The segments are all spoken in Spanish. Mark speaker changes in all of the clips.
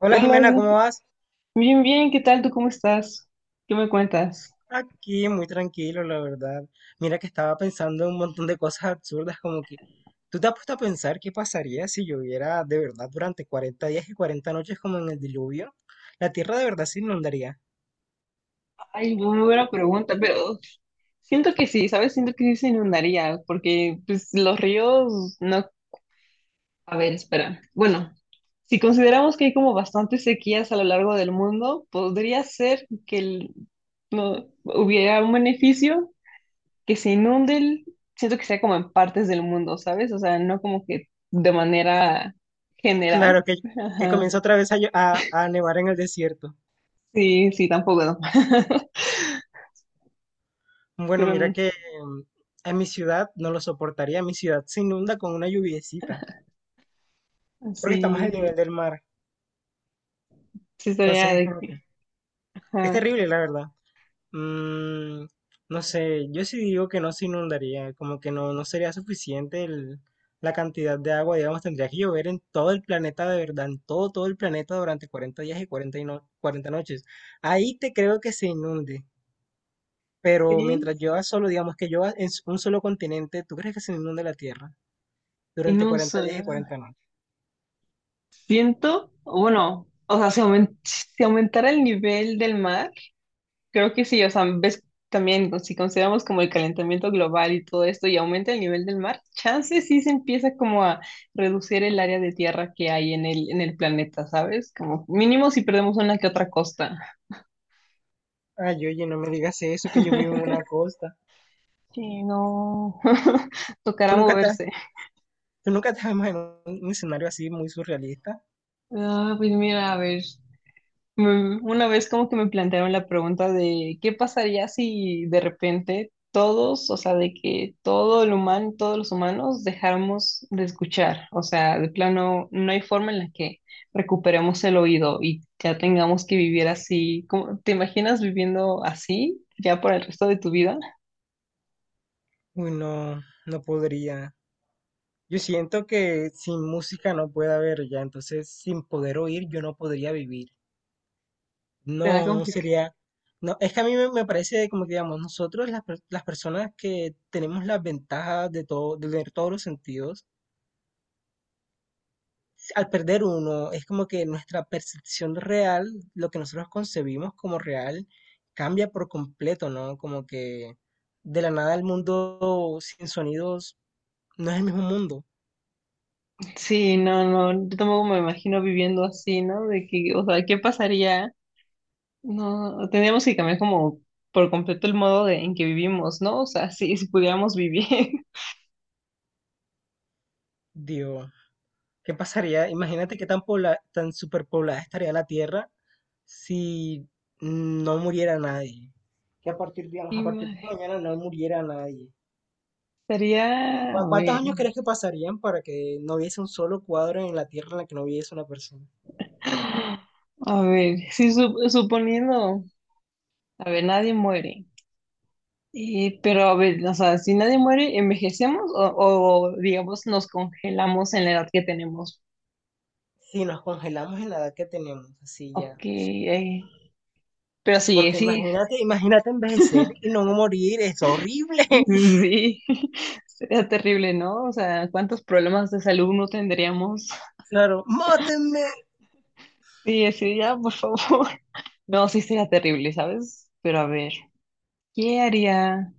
Speaker 1: Hola
Speaker 2: Hola,
Speaker 1: Jimena, ¿cómo vas?
Speaker 2: bien, bien, ¿qué tal? ¿Tú cómo estás? ¿Qué me cuentas?
Speaker 1: Aquí, muy tranquilo, la verdad. Mira que estaba pensando en un montón de cosas absurdas, como que tú te has puesto a pensar qué pasaría si lloviera de verdad durante 40 días y 40 noches como en el diluvio. La tierra de verdad se inundaría.
Speaker 2: Ay, no, muy buena pregunta, pero siento que sí, ¿sabes? Siento que sí se inundaría, porque pues los ríos no... A ver, espera. Bueno, si consideramos que hay como bastantes sequías a lo largo del mundo, podría ser que no, hubiera un beneficio que se inunde, siento que sea como en partes del mundo, ¿sabes? O sea, no como que de manera general.
Speaker 1: Claro que
Speaker 2: Ajá.
Speaker 1: comienza otra vez a nevar en el desierto.
Speaker 2: Sí, sí, tampoco, ¿no?
Speaker 1: Bueno,
Speaker 2: Pero
Speaker 1: mira que mm, en mi ciudad no lo soportaría, mi ciudad se inunda con una lluviecita, porque estamos
Speaker 2: así,
Speaker 1: al nivel del mar.
Speaker 2: sí estaría
Speaker 1: Entonces es
Speaker 2: de
Speaker 1: como que
Speaker 2: que,
Speaker 1: es
Speaker 2: ajá,
Speaker 1: terrible, la verdad. Mm, no sé, yo sí digo que no se inundaría, como que no, no sería suficiente la cantidad de agua, digamos, tendría que llover en todo el planeta de verdad, en todo, todo el planeta durante 40 días y 40 y no- 40 noches. Ahí te creo que se inunde, pero
Speaker 2: sí,
Speaker 1: mientras llueva solo, digamos que llueva en un solo continente, ¿tú crees que se inunde la Tierra
Speaker 2: y
Speaker 1: durante
Speaker 2: no
Speaker 1: 40
Speaker 2: uso,
Speaker 1: días y 40 noches?
Speaker 2: siento, o bueno, o sea, si, si aumentara el nivel del mar, creo que sí, o sea, ves también, pues, si consideramos como el calentamiento global y todo esto, y aumenta el nivel del mar, chance sí se empieza como a reducir el área de tierra que hay en el planeta, ¿sabes? Como mínimo si perdemos una que otra costa.
Speaker 1: Ay, oye, no me digas eso, que yo vivo en una costa.
Speaker 2: Sí, no,
Speaker 1: ¿Tú
Speaker 2: tocará
Speaker 1: nunca te has,
Speaker 2: moverse.
Speaker 1: Tú nunca te has imaginado un escenario así muy surrealista?
Speaker 2: Ah, pues mira, a ver. Una vez como que me plantearon la pregunta de qué pasaría si de repente todos, o sea, de que todo el humano, todos los humanos dejáramos de escuchar, o sea, de plano no hay forma en la que recuperemos el oído y ya tengamos que vivir así. ¿Cómo- te imaginas viviendo así ya por el resto de tu vida?
Speaker 1: Uy, no, no podría. Yo siento que sin música no puede haber ya, entonces sin poder oír yo no podría vivir.
Speaker 2: Será
Speaker 1: No, no
Speaker 2: complicado.
Speaker 1: sería, no, es que a mí me, me parece como que digamos, nosotros las personas que tenemos las ventajas de todo, de tener todos los sentidos, si, al perder uno, es como que nuestra percepción real, lo que nosotros concebimos como real, cambia por completo, ¿no? Como que de la nada el mundo sin sonidos no es el mismo mundo,
Speaker 2: Sí, no, no, yo tampoco me imagino viviendo así, ¿no? De que, o sea, ¿qué pasaría? No, tendríamos que cambiar como por completo el modo de, en que vivimos, ¿no? O sea, sí, si pudiéramos vivir.
Speaker 1: digo. ¿Qué pasaría? Imagínate qué tan, tan superpoblada estaría la Tierra si no muriera nadie. Que a partir
Speaker 2: Ima-
Speaker 1: de mañana no muriera nadie.
Speaker 2: Estaría,
Speaker 1: ¿Cuántos años crees que pasarían para que no hubiese un solo cuadro en la Tierra en la que no hubiese una persona?
Speaker 2: a ver, sí, suponiendo, a ver, nadie muere. Pero a ver, o sea, si nadie muere, ¿envejecemos o, digamos nos congelamos en la edad que tenemos?
Speaker 1: Si nos congelamos en la edad que tenemos, así
Speaker 2: Ok,
Speaker 1: ya.
Speaker 2: pero sí,
Speaker 1: Porque
Speaker 2: sí,
Speaker 1: imagínate, imagínate envejecer y no morir, es horrible.
Speaker 2: sí, sería terrible, ¿no? O sea, ¿cuántos problemas de salud no tendríamos?
Speaker 1: Claro, mátenme.
Speaker 2: Sí, así, ya, por favor. No, sí sería terrible, ¿sabes? Pero a ver, ¿qué haría?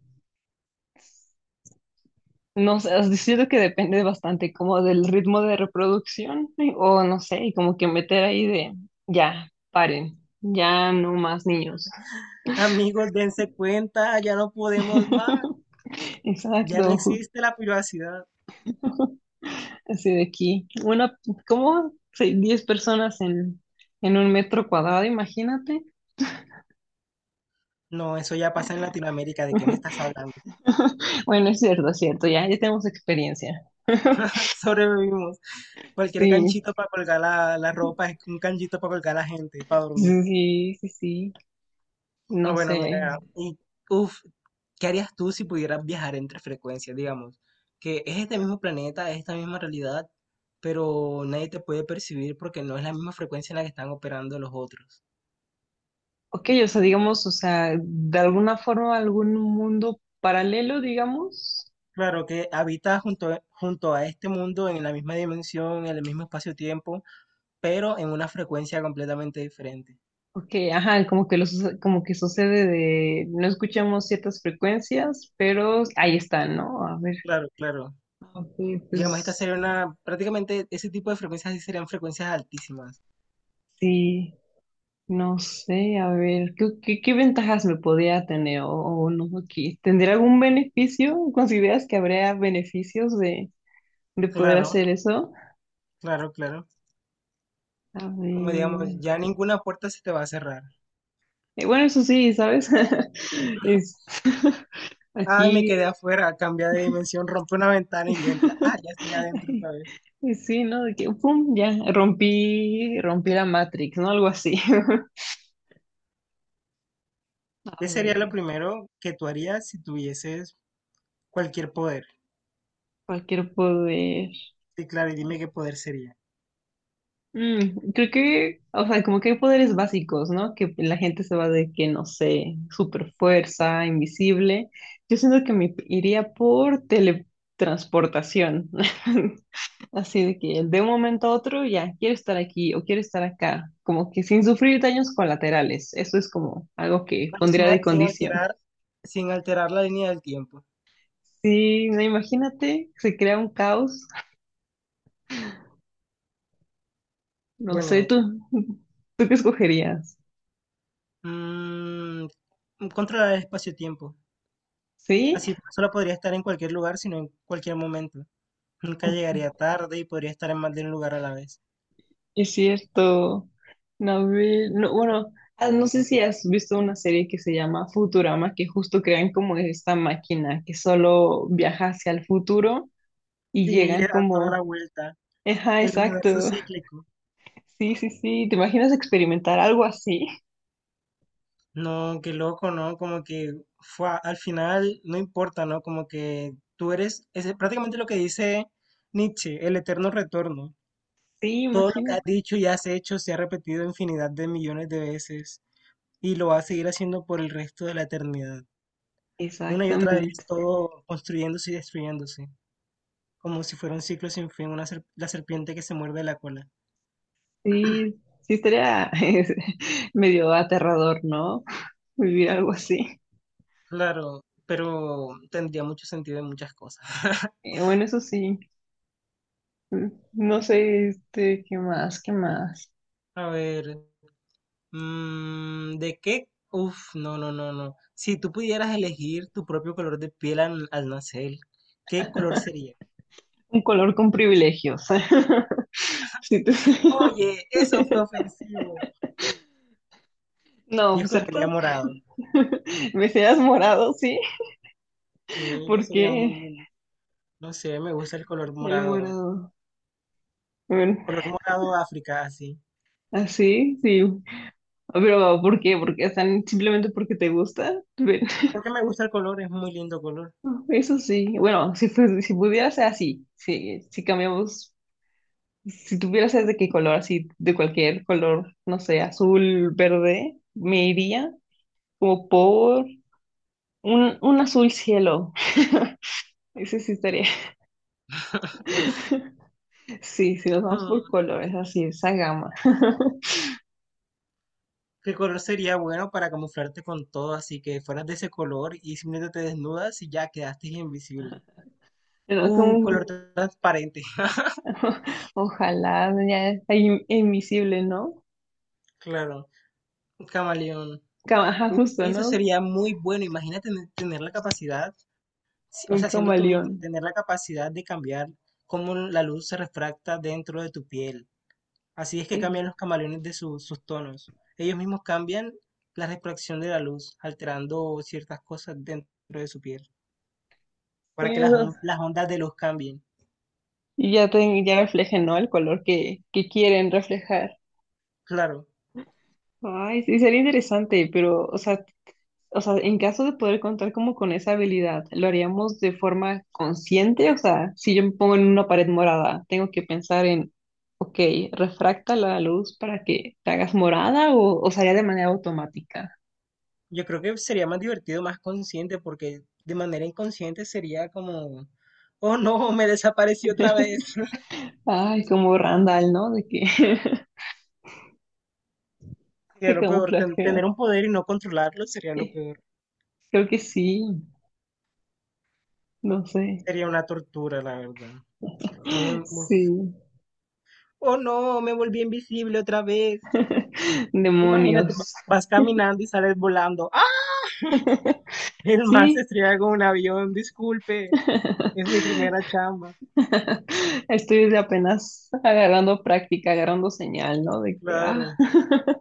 Speaker 2: No sé, os siento que depende bastante como del ritmo de reproducción y- o no sé, y como que meter ahí de, ya, paren, ya no más niños.
Speaker 1: Amigos, dense cuenta, ya no podemos más, ya no
Speaker 2: Exacto,
Speaker 1: existe la privacidad.
Speaker 2: así de aquí. Una, ¿cómo? Sí, 10 personas en un metro cuadrado, imagínate.
Speaker 1: No, eso ya pasa en Latinoamérica, ¿de qué me estás hablando?
Speaker 2: Bueno, es cierto, ya, ya tenemos experiencia.
Speaker 1: Sobrevivimos. Cualquier
Speaker 2: Sí,
Speaker 1: canchito para colgar la ropa es un canchito para colgar a la gente, para dormir.
Speaker 2: sí, sí, sí,
Speaker 1: Ah,
Speaker 2: no
Speaker 1: bueno,
Speaker 2: sé.
Speaker 1: mira, y uff, ¿qué harías tú si pudieras viajar entre frecuencias, digamos? Que es este mismo planeta, es esta misma realidad, pero nadie te puede percibir porque no es la misma frecuencia en la que están operando los otros.
Speaker 2: Ok, o sea, digamos, o sea, de alguna forma algún mundo paralelo, digamos.
Speaker 1: Claro que habitas junto, junto a este mundo en la misma dimensión, en el mismo espacio-tiempo, pero en una frecuencia completamente diferente.
Speaker 2: Ok, ajá, como que los, como que sucede de no escuchamos ciertas frecuencias, pero ahí está, ¿no? A ver,
Speaker 1: Claro, claro.
Speaker 2: ok,
Speaker 1: Digamos, esta
Speaker 2: pues
Speaker 1: sería una, prácticamente ese tipo de frecuencias sí serían frecuencias altísimas.
Speaker 2: sí, no sé, a ver, ¿qué ventajas me podría tener o no aquí? ¿Tendría algún beneficio? ¿Consideras que habría beneficios de poder
Speaker 1: Claro,
Speaker 2: hacer eso?
Speaker 1: claro, claro.
Speaker 2: A
Speaker 1: Como
Speaker 2: ver.
Speaker 1: digamos, ya ninguna puerta se te va a cerrar.
Speaker 2: Bueno, eso sí, ¿sabes? Es,
Speaker 1: Ay, me
Speaker 2: aquí,
Speaker 1: quedé afuera, cambia de dimensión, rompe una ventana y entra. Ah, ya estoy adentro otra
Speaker 2: ay,
Speaker 1: vez.
Speaker 2: pues sí, ¿no? De que, pum, ya, rompí la Matrix, ¿no? Algo así.
Speaker 1: ¿Qué
Speaker 2: A
Speaker 1: sería lo
Speaker 2: ver,
Speaker 1: primero que tú harías si tuvieses cualquier poder?
Speaker 2: cualquier poder.
Speaker 1: Sí, claro, y dime qué poder sería.
Speaker 2: Creo que, o sea, como que hay poderes básicos, ¿no? Que la gente se va de que, no sé, super fuerza, invisible. Yo siento que me iría por teletransportación. Así de que de un momento a otro ya quiero estar aquí o quiero estar acá. Como que sin sufrir daños colaterales. Eso es como algo que
Speaker 1: Claro,
Speaker 2: pondría de
Speaker 1: sin
Speaker 2: condición.
Speaker 1: alterar, sin alterar la línea del tiempo.
Speaker 2: Sí, no, imagínate, se crea un caos. No sé,
Speaker 1: Bueno,
Speaker 2: tú, ¿tú qué escogerías?
Speaker 1: mm, controlar el espacio-tiempo.
Speaker 2: ¿Sí?
Speaker 1: Así solo podría estar en cualquier lugar, sino en cualquier momento. Nunca llegaría tarde y podría estar en más de un lugar a la vez.
Speaker 2: Es cierto. No, no, bueno, no sé si has visto una serie que se llama Futurama, que justo crean como esta máquina que solo viaja hacia el futuro y
Speaker 1: Sí, y le
Speaker 2: llegan
Speaker 1: dan toda la
Speaker 2: como,
Speaker 1: vuelta.
Speaker 2: ajá,
Speaker 1: El universo
Speaker 2: exacto.
Speaker 1: cíclico.
Speaker 2: Sí, sí, sí. ¿Te imaginas experimentar algo así?
Speaker 1: No, qué loco, ¿no? Como que fue, al final no importa, ¿no? Como que tú eres, es prácticamente lo que dice Nietzsche, el eterno retorno.
Speaker 2: Sí,
Speaker 1: Todo lo que has
Speaker 2: imagínate.
Speaker 1: dicho y has hecho se ha repetido infinidad de millones de veces y lo va a seguir haciendo por el resto de la eternidad. Una y otra vez,
Speaker 2: Exactamente.
Speaker 1: todo construyéndose y destruyéndose, como si fuera un ciclo sin fin, una la serpiente que se muerde la cola.
Speaker 2: Sí, sí estaría es, medio aterrador, ¿no? Vivir algo así.
Speaker 1: Claro, pero tendría mucho sentido en muchas cosas.
Speaker 2: Bueno, eso sí. Mm, No sé, este, ¿qué más? ¿Qué más?
Speaker 1: A ver, ¿de qué? Uf, no, no, no, no. Si tú pudieras elegir tu propio color de piel al, al nacer, ¿qué color sería?
Speaker 2: Un color con privilegios. Si tú-
Speaker 1: Oye, eso fue ofensivo.
Speaker 2: no,
Speaker 1: Yo
Speaker 2: pues,
Speaker 1: escogería
Speaker 2: ¿cierto?
Speaker 1: morado.
Speaker 2: Me seas morado, sí,
Speaker 1: Sí, yo sería muy
Speaker 2: porque
Speaker 1: lindo. No sé, me gusta el color
Speaker 2: el
Speaker 1: morado.
Speaker 2: morado? Bueno,
Speaker 1: Color morado África, así.
Speaker 2: así, sí. Pero ¿por qué? Porque están simplemente porque te gusta. Ven,
Speaker 1: Porque me gusta el color, es muy lindo color.
Speaker 2: eso sí. Bueno, si, si pudiera ser así, sí, si cambiamos, si tuviera ser de qué color, así, de cualquier color, no sé, azul, verde, me iría como por un azul cielo. Ese sí estaría. Sí, si nos vamos por colores, así, esa gama.
Speaker 1: ¿Qué color sería bueno para camuflarte con todo? Así que fueras de ese color y simplemente te desnudas y ya quedaste invisible.
Speaker 2: Pero como,
Speaker 1: Color
Speaker 2: un-
Speaker 1: transparente.
Speaker 2: ojalá ya es invisible, ¿no?
Speaker 1: Claro, camaleón.
Speaker 2: Cam- ajá, justo,
Speaker 1: Eso
Speaker 2: ¿no?
Speaker 1: sería muy bueno. Imagínate tener la capacidad, o
Speaker 2: Un
Speaker 1: sea, siendo tú misma,
Speaker 2: camaleón.
Speaker 1: tener la capacidad de cambiar cómo la luz se refracta dentro de tu piel. Así es que
Speaker 2: Eh,
Speaker 1: cambian los camaleones de sus tonos. Ellos mismos cambian la refracción de la luz, alterando ciertas cosas dentro de su piel,
Speaker 2: Sí,
Speaker 1: para que las,
Speaker 2: esos-
Speaker 1: las ondas de luz cambien.
Speaker 2: y ya, te, ya reflejen, ¿no? El color que quieren reflejar.
Speaker 1: Claro,
Speaker 2: Ay, sí, sería interesante, pero, o sea, en caso de poder contar como con esa habilidad, ¿lo haríamos de forma consciente? O sea, si yo me pongo en una pared morada, tengo que pensar en, ok, refracta la luz para que te hagas morada o sería de manera automática.
Speaker 1: yo creo que sería más divertido, más consciente, porque de manera inconsciente sería como, oh no, me desapareció otra vez.
Speaker 2: Ay, como Randall, ¿no? De que
Speaker 1: Sería
Speaker 2: se
Speaker 1: lo peor, tener
Speaker 2: camuflajea.
Speaker 1: un poder y no controlarlo sería lo
Speaker 2: Eh,
Speaker 1: peor.
Speaker 2: Creo que sí, no sé.
Speaker 1: Sería una tortura, la verdad. Uf.
Speaker 2: Sí.
Speaker 1: Oh no, me volví invisible otra vez. Imagínate,
Speaker 2: Demonios.
Speaker 1: vas caminando y sales volando. ¡Ah! El mar se
Speaker 2: Sí.
Speaker 1: estrella con un avión, disculpe, es mi primera chamba.
Speaker 2: Estoy de apenas agarrando práctica, agarrando señal, ¿no? De que, ah,
Speaker 1: Claro.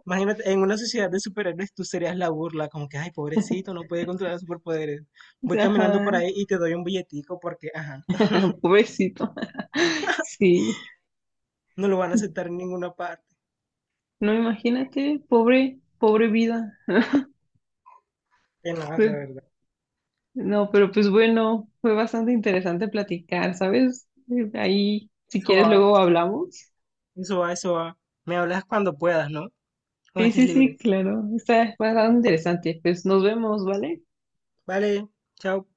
Speaker 1: Imagínate, en una sociedad de superhéroes tú serías la burla, como que, ay, pobrecito, no puede controlar superpoderes. Voy caminando por
Speaker 2: ajá,
Speaker 1: ahí y te doy un billetico porque, ajá,
Speaker 2: pobrecito. Sí,
Speaker 1: no lo van a aceptar en ninguna parte.
Speaker 2: no imagínate, pobre, pobre vida.
Speaker 1: Que no, la
Speaker 2: Pe-
Speaker 1: verdad.
Speaker 2: no, pero pues bueno, fue bastante interesante platicar, ¿sabes? Ahí, si
Speaker 1: Eso
Speaker 2: quieres,
Speaker 1: va,
Speaker 2: luego hablamos.
Speaker 1: eso va, eso va. Me hablas cuando puedas, ¿no? Cuando
Speaker 2: Sí,
Speaker 1: estés
Speaker 2: sí, sí,
Speaker 1: libre.
Speaker 2: claro, está bastante interesante. Pues nos vemos, ¿vale?
Speaker 1: Vale, chao.